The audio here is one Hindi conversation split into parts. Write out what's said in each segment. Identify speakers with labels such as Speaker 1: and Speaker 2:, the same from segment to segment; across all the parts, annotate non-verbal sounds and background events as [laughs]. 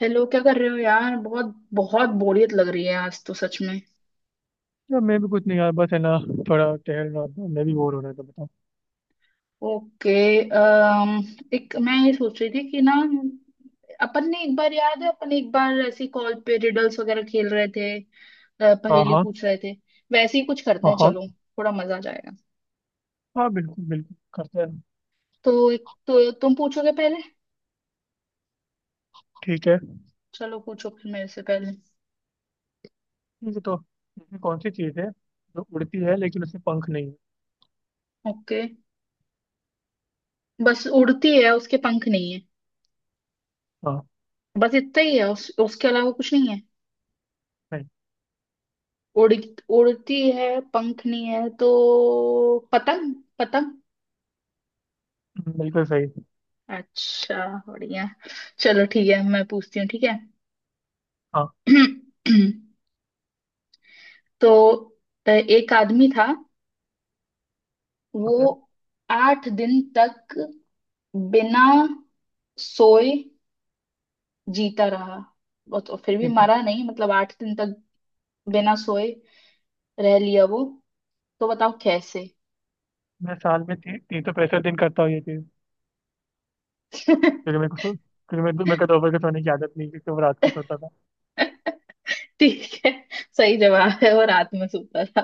Speaker 1: हेलो, क्या कर रहे हो यार? बहुत बहुत बोरियत लग रही है आज तो सच में।
Speaker 2: यार मैं भी कुछ नहीं यार बस है ना। थोड़ा टहल रहा था, मैं भी बोर हो रहा था, बताओ।
Speaker 1: ओके। अम, एक मैं ये सोच रही थी कि ना, अपन ने एक बार याद है अपन एक बार ऐसी कॉल पे रिडल्स वगैरह खेल रहे थे,
Speaker 2: हाँ
Speaker 1: पहेली
Speaker 2: हाँ।
Speaker 1: पूछ रहे थे। वैसे ही कुछ करते
Speaker 2: हाँ
Speaker 1: हैं,
Speaker 2: हाँ।
Speaker 1: चलो थोड़ा मजा आ जाएगा।
Speaker 2: हाँ बिल्कुल बिल्कुल करते हैं।
Speaker 1: तो एक तो तुम पूछोगे पहले।
Speaker 2: ठीक है।
Speaker 1: चलो पूछो फिर, मेरे से पहले।
Speaker 2: ठीक है तो ऐसी कौन सी चीज़ है जो उड़ती है लेकिन उसमें पंख नहीं है?
Speaker 1: ओके। बस उड़ती है, उसके पंख नहीं है।
Speaker 2: हाँ।
Speaker 1: बस इतना ही है, उसके अलावा कुछ नहीं है।
Speaker 2: सही।
Speaker 1: उड़ उड़ती है, पंख नहीं है, तो पतंग पतंग।
Speaker 2: बिल्कुल सही।
Speaker 1: अच्छा, बढ़िया। चलो ठीक है, मैं पूछती हूँ, ठीक है।
Speaker 2: हाँ।
Speaker 1: [clears throat] तो एक आदमी था, वो
Speaker 2: ओके।
Speaker 1: 8 दिन तक बिना सोए जीता रहा। वो तो फिर भी
Speaker 2: ठीक है।
Speaker 1: मरा नहीं, मतलब 8 दिन तक बिना सोए रह लिया वो, तो बताओ कैसे।
Speaker 2: मैं साल में 365 दिन करता हूँ ये चीज़। क्योंकि मेरे
Speaker 1: [laughs]
Speaker 2: को सो क्योंकि मैं मेरे को दोपहर को सोने की आदत नहीं है, क्योंकि मैं रात को सोता था।
Speaker 1: ठीक है, सही जवाब है, और रात में सोता था।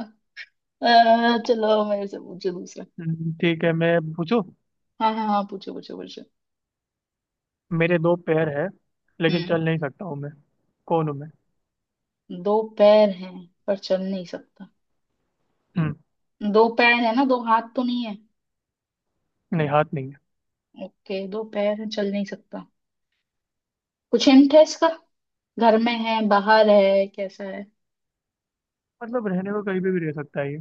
Speaker 1: अ, चलो मेरे से पूछो दूसरा।
Speaker 2: ठीक है मैं पूछूं।
Speaker 1: हाँ, हाँ, हाँ, पूछो, पूछो, पूछो।
Speaker 2: मेरे दो पैर हैं लेकिन
Speaker 1: हम्म।
Speaker 2: चल नहीं सकता हूँ मैं। कौन हूँ मैं?
Speaker 1: दो पैर हैं, पर चल नहीं सकता।
Speaker 2: हम्म।
Speaker 1: दो पैर है ना, दो हाथ तो नहीं है?
Speaker 2: नहीं हाथ नहीं है।
Speaker 1: ओके, दो पैर है, चल नहीं सकता। कुछ हिंट है इसका? घर में है, बाहर है, कैसा है?
Speaker 2: मतलब रहने को कहीं पे भी रह सकता है ये,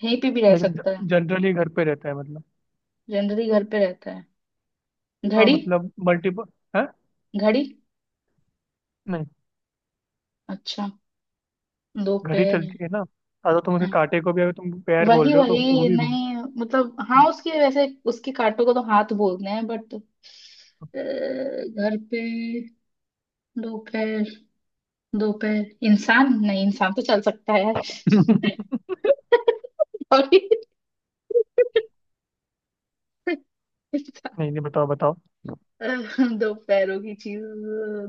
Speaker 1: कहीं पे भी रह
Speaker 2: लेकिन
Speaker 1: सकता है?
Speaker 2: जनरली घर पे रहता है मतलब।
Speaker 1: जनरली घर पे रहता है?
Speaker 2: हाँ
Speaker 1: घड़ी?
Speaker 2: मतलब मल्टीपल है।
Speaker 1: घड़ी?
Speaker 2: नहीं।
Speaker 1: अच्छा। दो
Speaker 2: घड़ी
Speaker 1: पैर है।
Speaker 2: चलती है ना। हाँ तो तुम उसके कांटे को भी अगर तुम पैर बोल
Speaker 1: वही
Speaker 2: रहे हो तो वो
Speaker 1: वही
Speaker 2: भी घूम।
Speaker 1: नहीं। मतलब हाँ, उसके वैसे उसके कांटों को तो हाथ बोलते हैं, बट घर पे। दो पैर। दो पैर, इंसान नहीं, इंसान तो चल सकता है। [laughs]
Speaker 2: [laughs]
Speaker 1: Sorry. इंसान-
Speaker 2: नहीं नहीं बताओ बताओ।
Speaker 1: दो पैरों की चीज।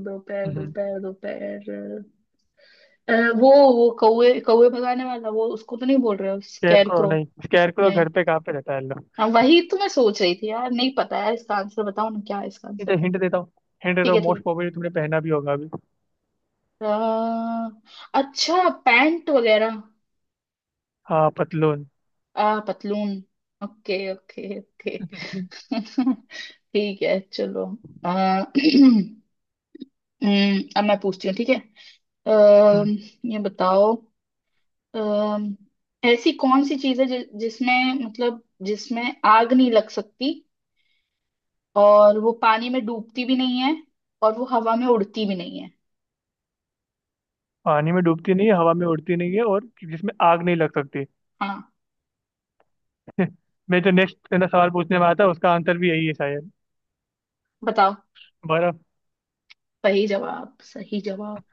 Speaker 1: दो पैर, दो
Speaker 2: स्कैर
Speaker 1: पैर, दो पैर। अ, वो वो कौवे कौवे भगाने वाला, वो उसको तो नहीं बोल रहे हो?
Speaker 2: को
Speaker 1: स्कैरक्रो?
Speaker 2: नहीं स्कैर को
Speaker 1: नहीं।
Speaker 2: घर पे कहाँ पे रहता है लोग।
Speaker 1: हाँ, वही तो मैं सोच रही थी यार, नहीं पता यार इसका आंसर, बताओ ना क्या है इसका
Speaker 2: ये तो
Speaker 1: आंसर।
Speaker 2: हिंट देता हूँ। हिंट देता
Speaker 1: ठीक है,
Speaker 2: हूँ, मोस्ट
Speaker 1: ठीक
Speaker 2: प्रोबेबली तुमने पहना भी होगा अभी।
Speaker 1: है, अच्छा, पैंट वगैरह?
Speaker 2: हाँ पतलून।
Speaker 1: आ, पतलून। Okay, okay, okay.
Speaker 2: [laughs]
Speaker 1: [laughs] ठीक है, चलो। अ, [clears throat] अब मैं पूछती हूँ, ठीक है। अ,
Speaker 2: हम्म।
Speaker 1: ये बताओ, अ, ऐसी कौन सी चीज है जिसमें, मतलब जिसमें आग नहीं लग सकती, और वो पानी में डूबती भी नहीं है, और वो हवा में उड़ती भी नहीं है?
Speaker 2: पानी में डूबती नहीं है, हवा में उड़ती नहीं है, और जिसमें आग नहीं लग सकती।
Speaker 1: हाँ।
Speaker 2: [laughs] मैं जो नेक्स्ट ना सवाल पूछने वाला था उसका आंसर भी यही है शायद।
Speaker 1: बताओ।
Speaker 2: बर्फ।
Speaker 1: सही जवाब, सही जवाब।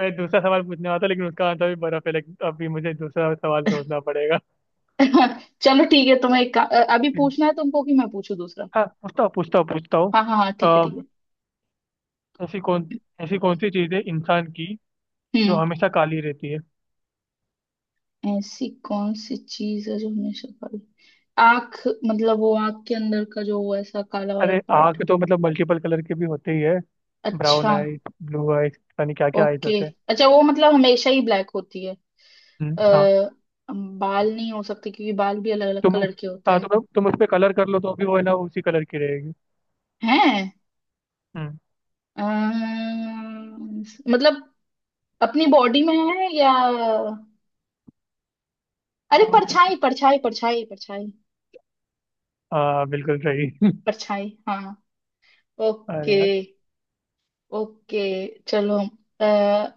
Speaker 2: मैं दूसरा सवाल पूछने वाला था लेकिन उसका आंसर भी बर्फ है, लेकिन अभी मुझे दूसरा सवाल सोचना पड़ेगा।
Speaker 1: [laughs] चलो ठीक है, तुम्हें एक अभी पूछना है
Speaker 2: [laughs]
Speaker 1: तुमको कि मैं पूछूं दूसरा?
Speaker 2: हाँ पूछता हूँ पूछता हूँ पूछता हूँ।
Speaker 1: हाँ, हाँ, हाँ, ठीक है, ठीक
Speaker 2: अ,
Speaker 1: है।
Speaker 2: ऐसी कौन ऐसी कौन सी चीज़ है इंसान की जो
Speaker 1: हम्म।
Speaker 2: हमेशा काली रहती है?
Speaker 1: ऐसी कौन सी चीज है जो हमेशा काली? आंख। मतलब वो आंख के अंदर का जो वो ऐसा काला वाला
Speaker 2: अरे
Speaker 1: पार्ट।
Speaker 2: आँख तो मतलब मल्टीपल कलर के भी होते ही है। ब्राउन
Speaker 1: अच्छा।
Speaker 2: आइज, ब्लू आइज, पता नहीं क्या क्या आइज
Speaker 1: ओके।
Speaker 2: होते हैं।
Speaker 1: अच्छा, वो मतलब हमेशा ही ब्लैक होती है?
Speaker 2: हाँ।
Speaker 1: आ, बाल नहीं हो सकते क्योंकि बाल भी अलग अलग
Speaker 2: तुम
Speaker 1: कलर के होते
Speaker 2: हाँ
Speaker 1: हैं।
Speaker 2: तुम उस पर कलर कर लो तो भी वो है ना उसी कलर की रहेगी।
Speaker 1: हैं?
Speaker 2: हम्म।
Speaker 1: अम्म, मतलब अपनी बॉडी में है, या अरे
Speaker 2: हाँ,
Speaker 1: परछाई, परछाई, परछाई, परछाई,
Speaker 2: हाँ, बिल्कुल सही।
Speaker 1: परछाई! हाँ।
Speaker 2: [laughs]
Speaker 1: ओके।
Speaker 2: अरे यार।
Speaker 1: ओके, चलो, अ,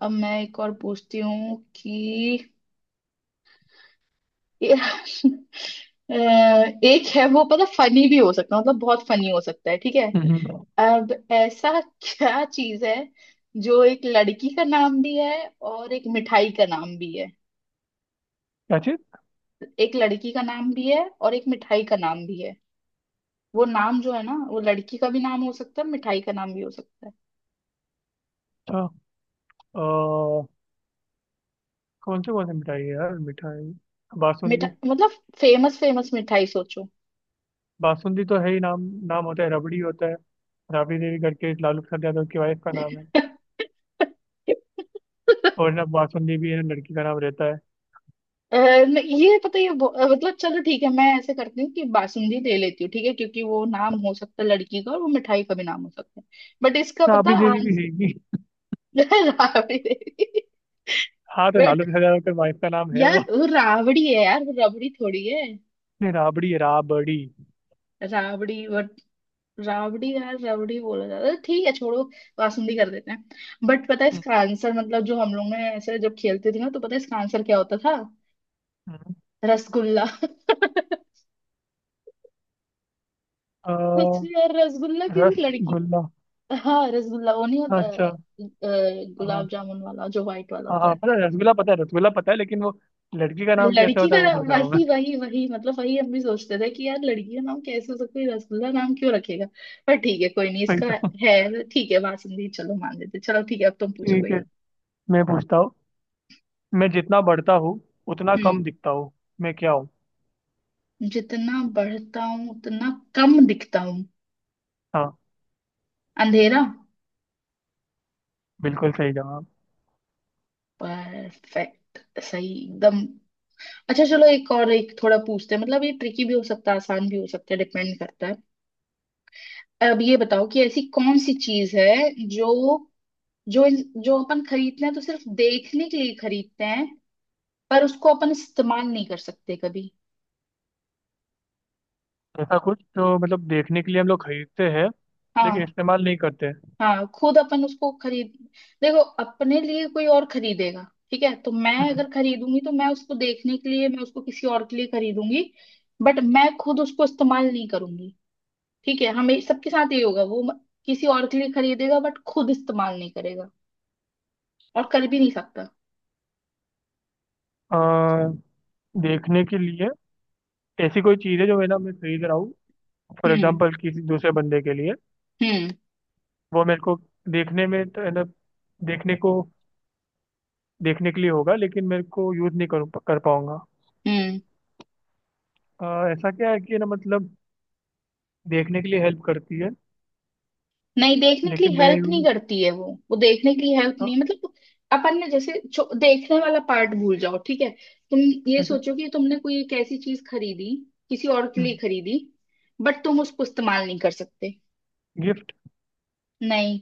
Speaker 1: अब मैं एक और पूछती हूँ कि [laughs] ये- अ, एक है, वो पता फनी भी हो सकता है, मतलब बहुत फनी हो सकता है, ठीक है।
Speaker 2: हम्म,
Speaker 1: अब ऐसा [laughs] क्या चीज है जो एक लड़की का नाम भी है और एक मिठाई का नाम भी है?
Speaker 2: क्या चीज?
Speaker 1: एक लड़की का नाम भी है और एक मिठाई का नाम भी है। वो नाम जो है ना, वो लड़की का भी नाम हो सकता है, मिठाई का नाम भी हो सकता है।
Speaker 2: अच्छा। अ, कौन से मिठाई है यार मिठाई।
Speaker 1: मिठा
Speaker 2: बासुंदी।
Speaker 1: मतलब, फेमस, फेमस मिठाई सोचो।
Speaker 2: बासुंदी तो है ही नाम। नाम होता है रबड़ी होता है। राबड़ी देवी करके एक लालू प्रसाद यादव की वाइफ का नाम है।
Speaker 1: [laughs]
Speaker 2: और ना बासुंदी भी है ना लड़की का नाम रहता है।
Speaker 1: ये पता है, ये मतलब चलो ठीक है, मैं ऐसे करती हूँ कि बासुंदी ले लेती हूँ, ठीक है, क्योंकि वो नाम हो सकता है लड़की का और वो मिठाई का भी नाम हो सकता है। बट इसका पता
Speaker 2: राबड़ी देवी भी
Speaker 1: आंसर।
Speaker 2: है ही नहीं।
Speaker 1: [laughs] राबड़ी देवी।
Speaker 2: हाँ तो
Speaker 1: बट
Speaker 2: लालू प्रसाद यादव के वाइफ का नाम
Speaker 1: [laughs]
Speaker 2: है
Speaker 1: यार,
Speaker 2: वो।
Speaker 1: वो राबड़ी है यार, वो रबड़ी थोड़ी है।
Speaker 2: नहीं राबड़ी है राबड़ी।
Speaker 1: राबड़ी, बट राबड़ी यार, रबड़ी बोला जाता है, ठीक है, छोड़ो। बासुंदी कर देते हैं। बट पता है
Speaker 2: हम्म,
Speaker 1: इसका आंसर, मतलब जो हम लोग ने ऐसे जब खेलते थे ना, तो पता है इसका आंसर क्या होता था?
Speaker 2: हम्म।
Speaker 1: रसगुल्ला। [laughs]
Speaker 2: अ,
Speaker 1: सोचो यार, रसगुल्ला किसी लड़की।
Speaker 2: रसगुल्ला।
Speaker 1: हाँ, रसगुल्ला वो नहीं होता
Speaker 2: अच्छा।
Speaker 1: है,
Speaker 2: हाँ
Speaker 1: गुलाब जामुन वाला जो व्हाइट वाला
Speaker 2: हाँ
Speaker 1: होता
Speaker 2: हाँ
Speaker 1: है।
Speaker 2: पता है रसगुल्ला पता है रसगुल्ला पता है, लेकिन वो लड़की का नाम कैसे होता है वो सोच रहा हूँ मैं।
Speaker 1: वही वही वही, मतलब वही हम भी सोचते थे कि यार लड़की का नाम कैसे हो सकता है, रसगुल्ला नाम क्यों रखेगा? पर ठीक है, कोई नहीं
Speaker 2: वही
Speaker 1: इसका
Speaker 2: तो।
Speaker 1: है, ठीक है, बासुंदी चलो मान लेते, चलो ठीक है, अब तुम पूछो
Speaker 2: ठीक
Speaker 1: कोई
Speaker 2: है
Speaker 1: एक।
Speaker 2: मैं पूछता हूँ। मैं जितना बढ़ता हूँ उतना
Speaker 1: हम्म।
Speaker 2: कम दिखता हूँ। मैं क्या हूँ?
Speaker 1: जितना बढ़ता हूँ उतना कम दिखता हूँ।
Speaker 2: हाँ
Speaker 1: अंधेरा।
Speaker 2: बिल्कुल सही जवाब।
Speaker 1: परफेक्ट, सही एकदम। अच्छा चलो, एक और एक थोड़ा पूछते हैं, मतलब ये ट्रिकी भी हो सकता है, आसान भी हो सकता है, डिपेंड करता है। अब ये बताओ कि ऐसी कौन सी चीज है जो जो जो अपन खरीदते हैं तो सिर्फ देखने के लिए खरीदते हैं, पर उसको अपन इस्तेमाल नहीं कर सकते कभी।
Speaker 2: ऐसा कुछ जो मतलब देखने के लिए हम लोग खरीदते हैं लेकिन
Speaker 1: हाँ,
Speaker 2: इस्तेमाल नहीं करते।
Speaker 1: हाँ, खुद अपन उसको खरीद, देखो अपने लिए कोई और खरीदेगा। ठीक है तो मैं
Speaker 2: हम्म।
Speaker 1: अगर खरीदूंगी तो मैं उसको देखने के लिए, मैं उसको किसी और के लिए खरीदूंगी। बट मैं खुद उसको इस्तेमाल नहीं करूंगी। ठीक है, हमें सबके साथ ये होगा, वो किसी और के लिए खरीदेगा, बट खुद इस्तेमाल नहीं करेगा और कर भी नहीं सकता।
Speaker 2: अ, देखने के लिए ऐसी कोई चीज़ है जो है ना मैं खरीद रहा हूँ फॉर
Speaker 1: हम्म,
Speaker 2: एग्जाम्पल किसी दूसरे बंदे के लिए।
Speaker 1: हम्म,
Speaker 2: वो मेरे को देखने में तो है ना, देखने को देखने के लिए होगा लेकिन मेरे को यूज़ नहीं कर कर पाऊंगा।
Speaker 1: हम्म।
Speaker 2: अ, ऐसा क्या है कि ना मतलब देखने के लिए हेल्प करती है।
Speaker 1: नहीं, देखने के
Speaker 2: लेकिन
Speaker 1: लिए
Speaker 2: मैं
Speaker 1: हेल्प नहीं
Speaker 2: यूज।
Speaker 1: करती है वो देखने के लिए हेल्प
Speaker 2: हाँ।
Speaker 1: नहीं, मतलब अपन ने जैसे देखने वाला पार्ट भूल जाओ, ठीक है। तुम ये
Speaker 2: ठीक है।
Speaker 1: सोचो कि तुमने कोई एक ऐसी चीज खरीदी, किसी और के लिए खरीदी, बट तुम उसको इस्तेमाल नहीं कर सकते।
Speaker 2: गिफ्ट।
Speaker 1: नहीं।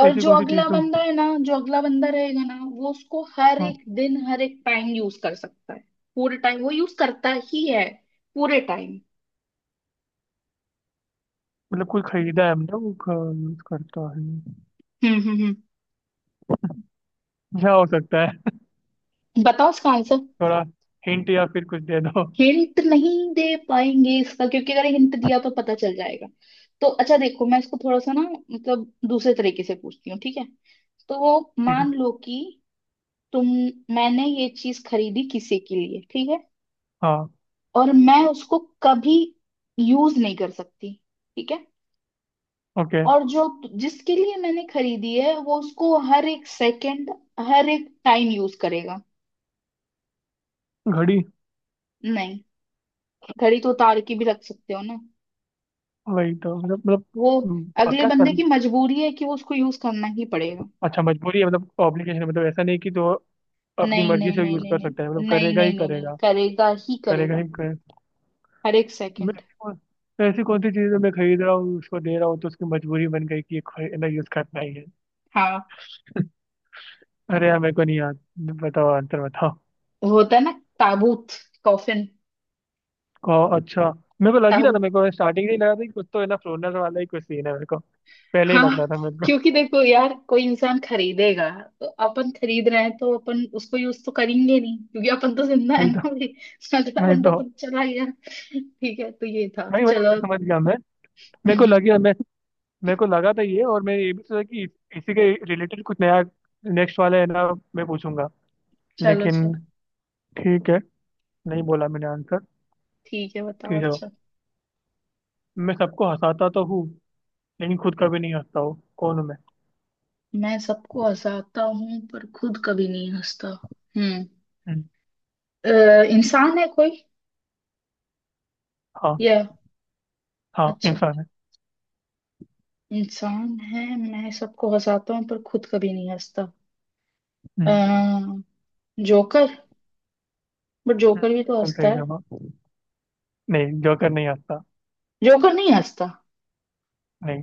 Speaker 1: और
Speaker 2: ऐसी
Speaker 1: जो
Speaker 2: कौन सी
Speaker 1: अगला
Speaker 2: चीज़ तो।
Speaker 1: बंदा है ना, जो अगला बंदा रहेगा ना, वो उसको हर
Speaker 2: हाँ।
Speaker 1: एक दिन, हर एक टाइम यूज कर सकता है। पूरे टाइम वो यूज करता ही है। पूरे टाइम।
Speaker 2: मतलब कोई खरीदा है हमने वो यूज़ करता है।
Speaker 1: हम्म, हम्म, हम्म।
Speaker 2: क्या हो सकता है?
Speaker 1: बताओ इसका
Speaker 2: [laughs]
Speaker 1: आंसर।
Speaker 2: थोड़ा हिंट या फिर कुछ दे दो।
Speaker 1: हिंट नहीं दे पाएंगे इसका, क्योंकि अगर हिंट दिया तो पता चल जाएगा। तो अच्छा देखो, मैं इसको थोड़ा सा ना, मतलब दूसरे तरीके से पूछती हूँ, ठीक है। तो वो,
Speaker 2: ठीक है।
Speaker 1: मान लो कि तुम, मैंने ये चीज खरीदी किसी के लिए, ठीक है,
Speaker 2: हाँ।
Speaker 1: और मैं उसको कभी यूज नहीं कर सकती, ठीक है।
Speaker 2: ओके।
Speaker 1: और जो जिसके लिए मैंने खरीदी है, वो उसको हर एक सेकंड, हर एक टाइम यूज करेगा।
Speaker 2: घड़ी।
Speaker 1: नहीं, घड़ी तो उतार के भी रख सकते हो ना।
Speaker 2: वही तो मतलब।
Speaker 1: वो अगले
Speaker 2: पक्का
Speaker 1: बंदे
Speaker 2: कर।
Speaker 1: की मजबूरी है कि वो उसको यूज करना ही पड़ेगा।
Speaker 2: अच्छा मजबूरी है मतलब ऑब्लिगेशन है, मतलब ऐसा नहीं कि तो अपनी
Speaker 1: नहीं,
Speaker 2: मर्जी
Speaker 1: नहीं,
Speaker 2: से
Speaker 1: नहीं,
Speaker 2: यूज
Speaker 1: नहीं,
Speaker 2: कर
Speaker 1: नहीं,
Speaker 2: सकता है मतलब
Speaker 1: नहीं,
Speaker 2: करेगा ही
Speaker 1: नहीं, नहीं, नहीं
Speaker 2: करेगा।
Speaker 1: करेगा ही
Speaker 2: करेगा
Speaker 1: करेगा।
Speaker 2: ही करेगा।
Speaker 1: हर एक
Speaker 2: मैं
Speaker 1: सेकंड।
Speaker 2: ऐसी कौन। तो ऐसी कौन सी चीज़ है मैं खरीद रहा हूँ उसको दे रहा हूँ तो उसकी मजबूरी बन गई कि खरीदना यूज करना ही है।
Speaker 1: हाँ,
Speaker 2: अरे यार मेरे को नहीं याद। बताओ आंसर बताओ।
Speaker 1: वो होता है ना, ताबूत। कॉफिन।
Speaker 2: को अच्छा। मेरे को लग ही रहा था,
Speaker 1: ताबूत।
Speaker 2: मेरे को स्टार्टिंग से ही लगा था कि कुछ तो है ना फ्लोनर वाला ही कुछ सीन है मेरे को। पहले ही लग रहा
Speaker 1: हाँ,
Speaker 2: था मेरे
Speaker 1: क्योंकि देखो यार, कोई इंसान खरीदेगा तो अपन खरीद रहे हैं तो अपन उसको यूज तो करेंगे नहीं, क्योंकि अपन तो जिंदा है
Speaker 2: को।
Speaker 1: ना भाई। अगला
Speaker 2: वही
Speaker 1: बंदा
Speaker 2: तो।
Speaker 1: तो चला गया। ठीक है, तो ये था,
Speaker 2: भाई वही
Speaker 1: चलो।
Speaker 2: मुझे समझ गया मैं। मेरे
Speaker 1: हम्म,
Speaker 2: को
Speaker 1: हम्म।
Speaker 2: लगे मैं। मेरे को लगा था ये, और मैं ये भी सोचा कि इसी के रिलेटेड कुछ नया नेक्स्ट वाला है ना मैं पूछूंगा।
Speaker 1: चलो, चलो।
Speaker 2: लेकिन ठीक है। नहीं बोला मैंने आंसर।
Speaker 1: ठीक है, बताओ
Speaker 2: ठीक है।
Speaker 1: अच्छा।
Speaker 2: मैं सबको हंसाता तो हूँ लेकिन खुद कभी नहीं हंसता हूँ। कौन हूँ मैं?
Speaker 1: मैं सबको हंसाता हूँ पर खुद कभी नहीं हंसता। हम्म।
Speaker 2: हम्म,
Speaker 1: इंसान है कोई,
Speaker 2: हाँ।
Speaker 1: या?
Speaker 2: हाँ
Speaker 1: अच्छा,
Speaker 2: इंसान है।
Speaker 1: इंसान है, मैं सबको हंसाता हूँ पर खुद कभी नहीं हंसता। अ,
Speaker 2: हम्म।
Speaker 1: जोकर। बट जोकर भी तो
Speaker 2: बिल्कुल
Speaker 1: हंसता
Speaker 2: सही
Speaker 1: है।
Speaker 2: जवाब। नहीं जोकर नहीं हंसता।
Speaker 1: जोकर नहीं हंसता?
Speaker 2: नहीं।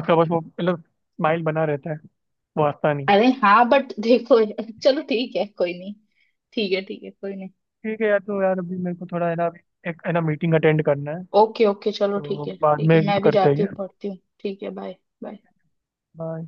Speaker 2: उसका बस वो मतलब स्माइल बना रहता है। वो हंसता नहीं।
Speaker 1: अरे हाँ, बट देखो। चलो ठीक है, कोई नहीं। ठीक है, ठीक है, कोई नहीं।
Speaker 2: ठीक है यार, तो यार अभी मेरे को थोड़ा है ना, अभी एक है ना मीटिंग अटेंड करना है।
Speaker 1: ओके, ओके, चलो
Speaker 2: तो
Speaker 1: ठीक है,
Speaker 2: बाद
Speaker 1: ठीक
Speaker 2: में
Speaker 1: है, मैं भी
Speaker 2: करते
Speaker 1: जाती
Speaker 2: हैं।
Speaker 1: हूँ, पढ़ती हूँ, ठीक है, बाय। बाय।
Speaker 2: बाय।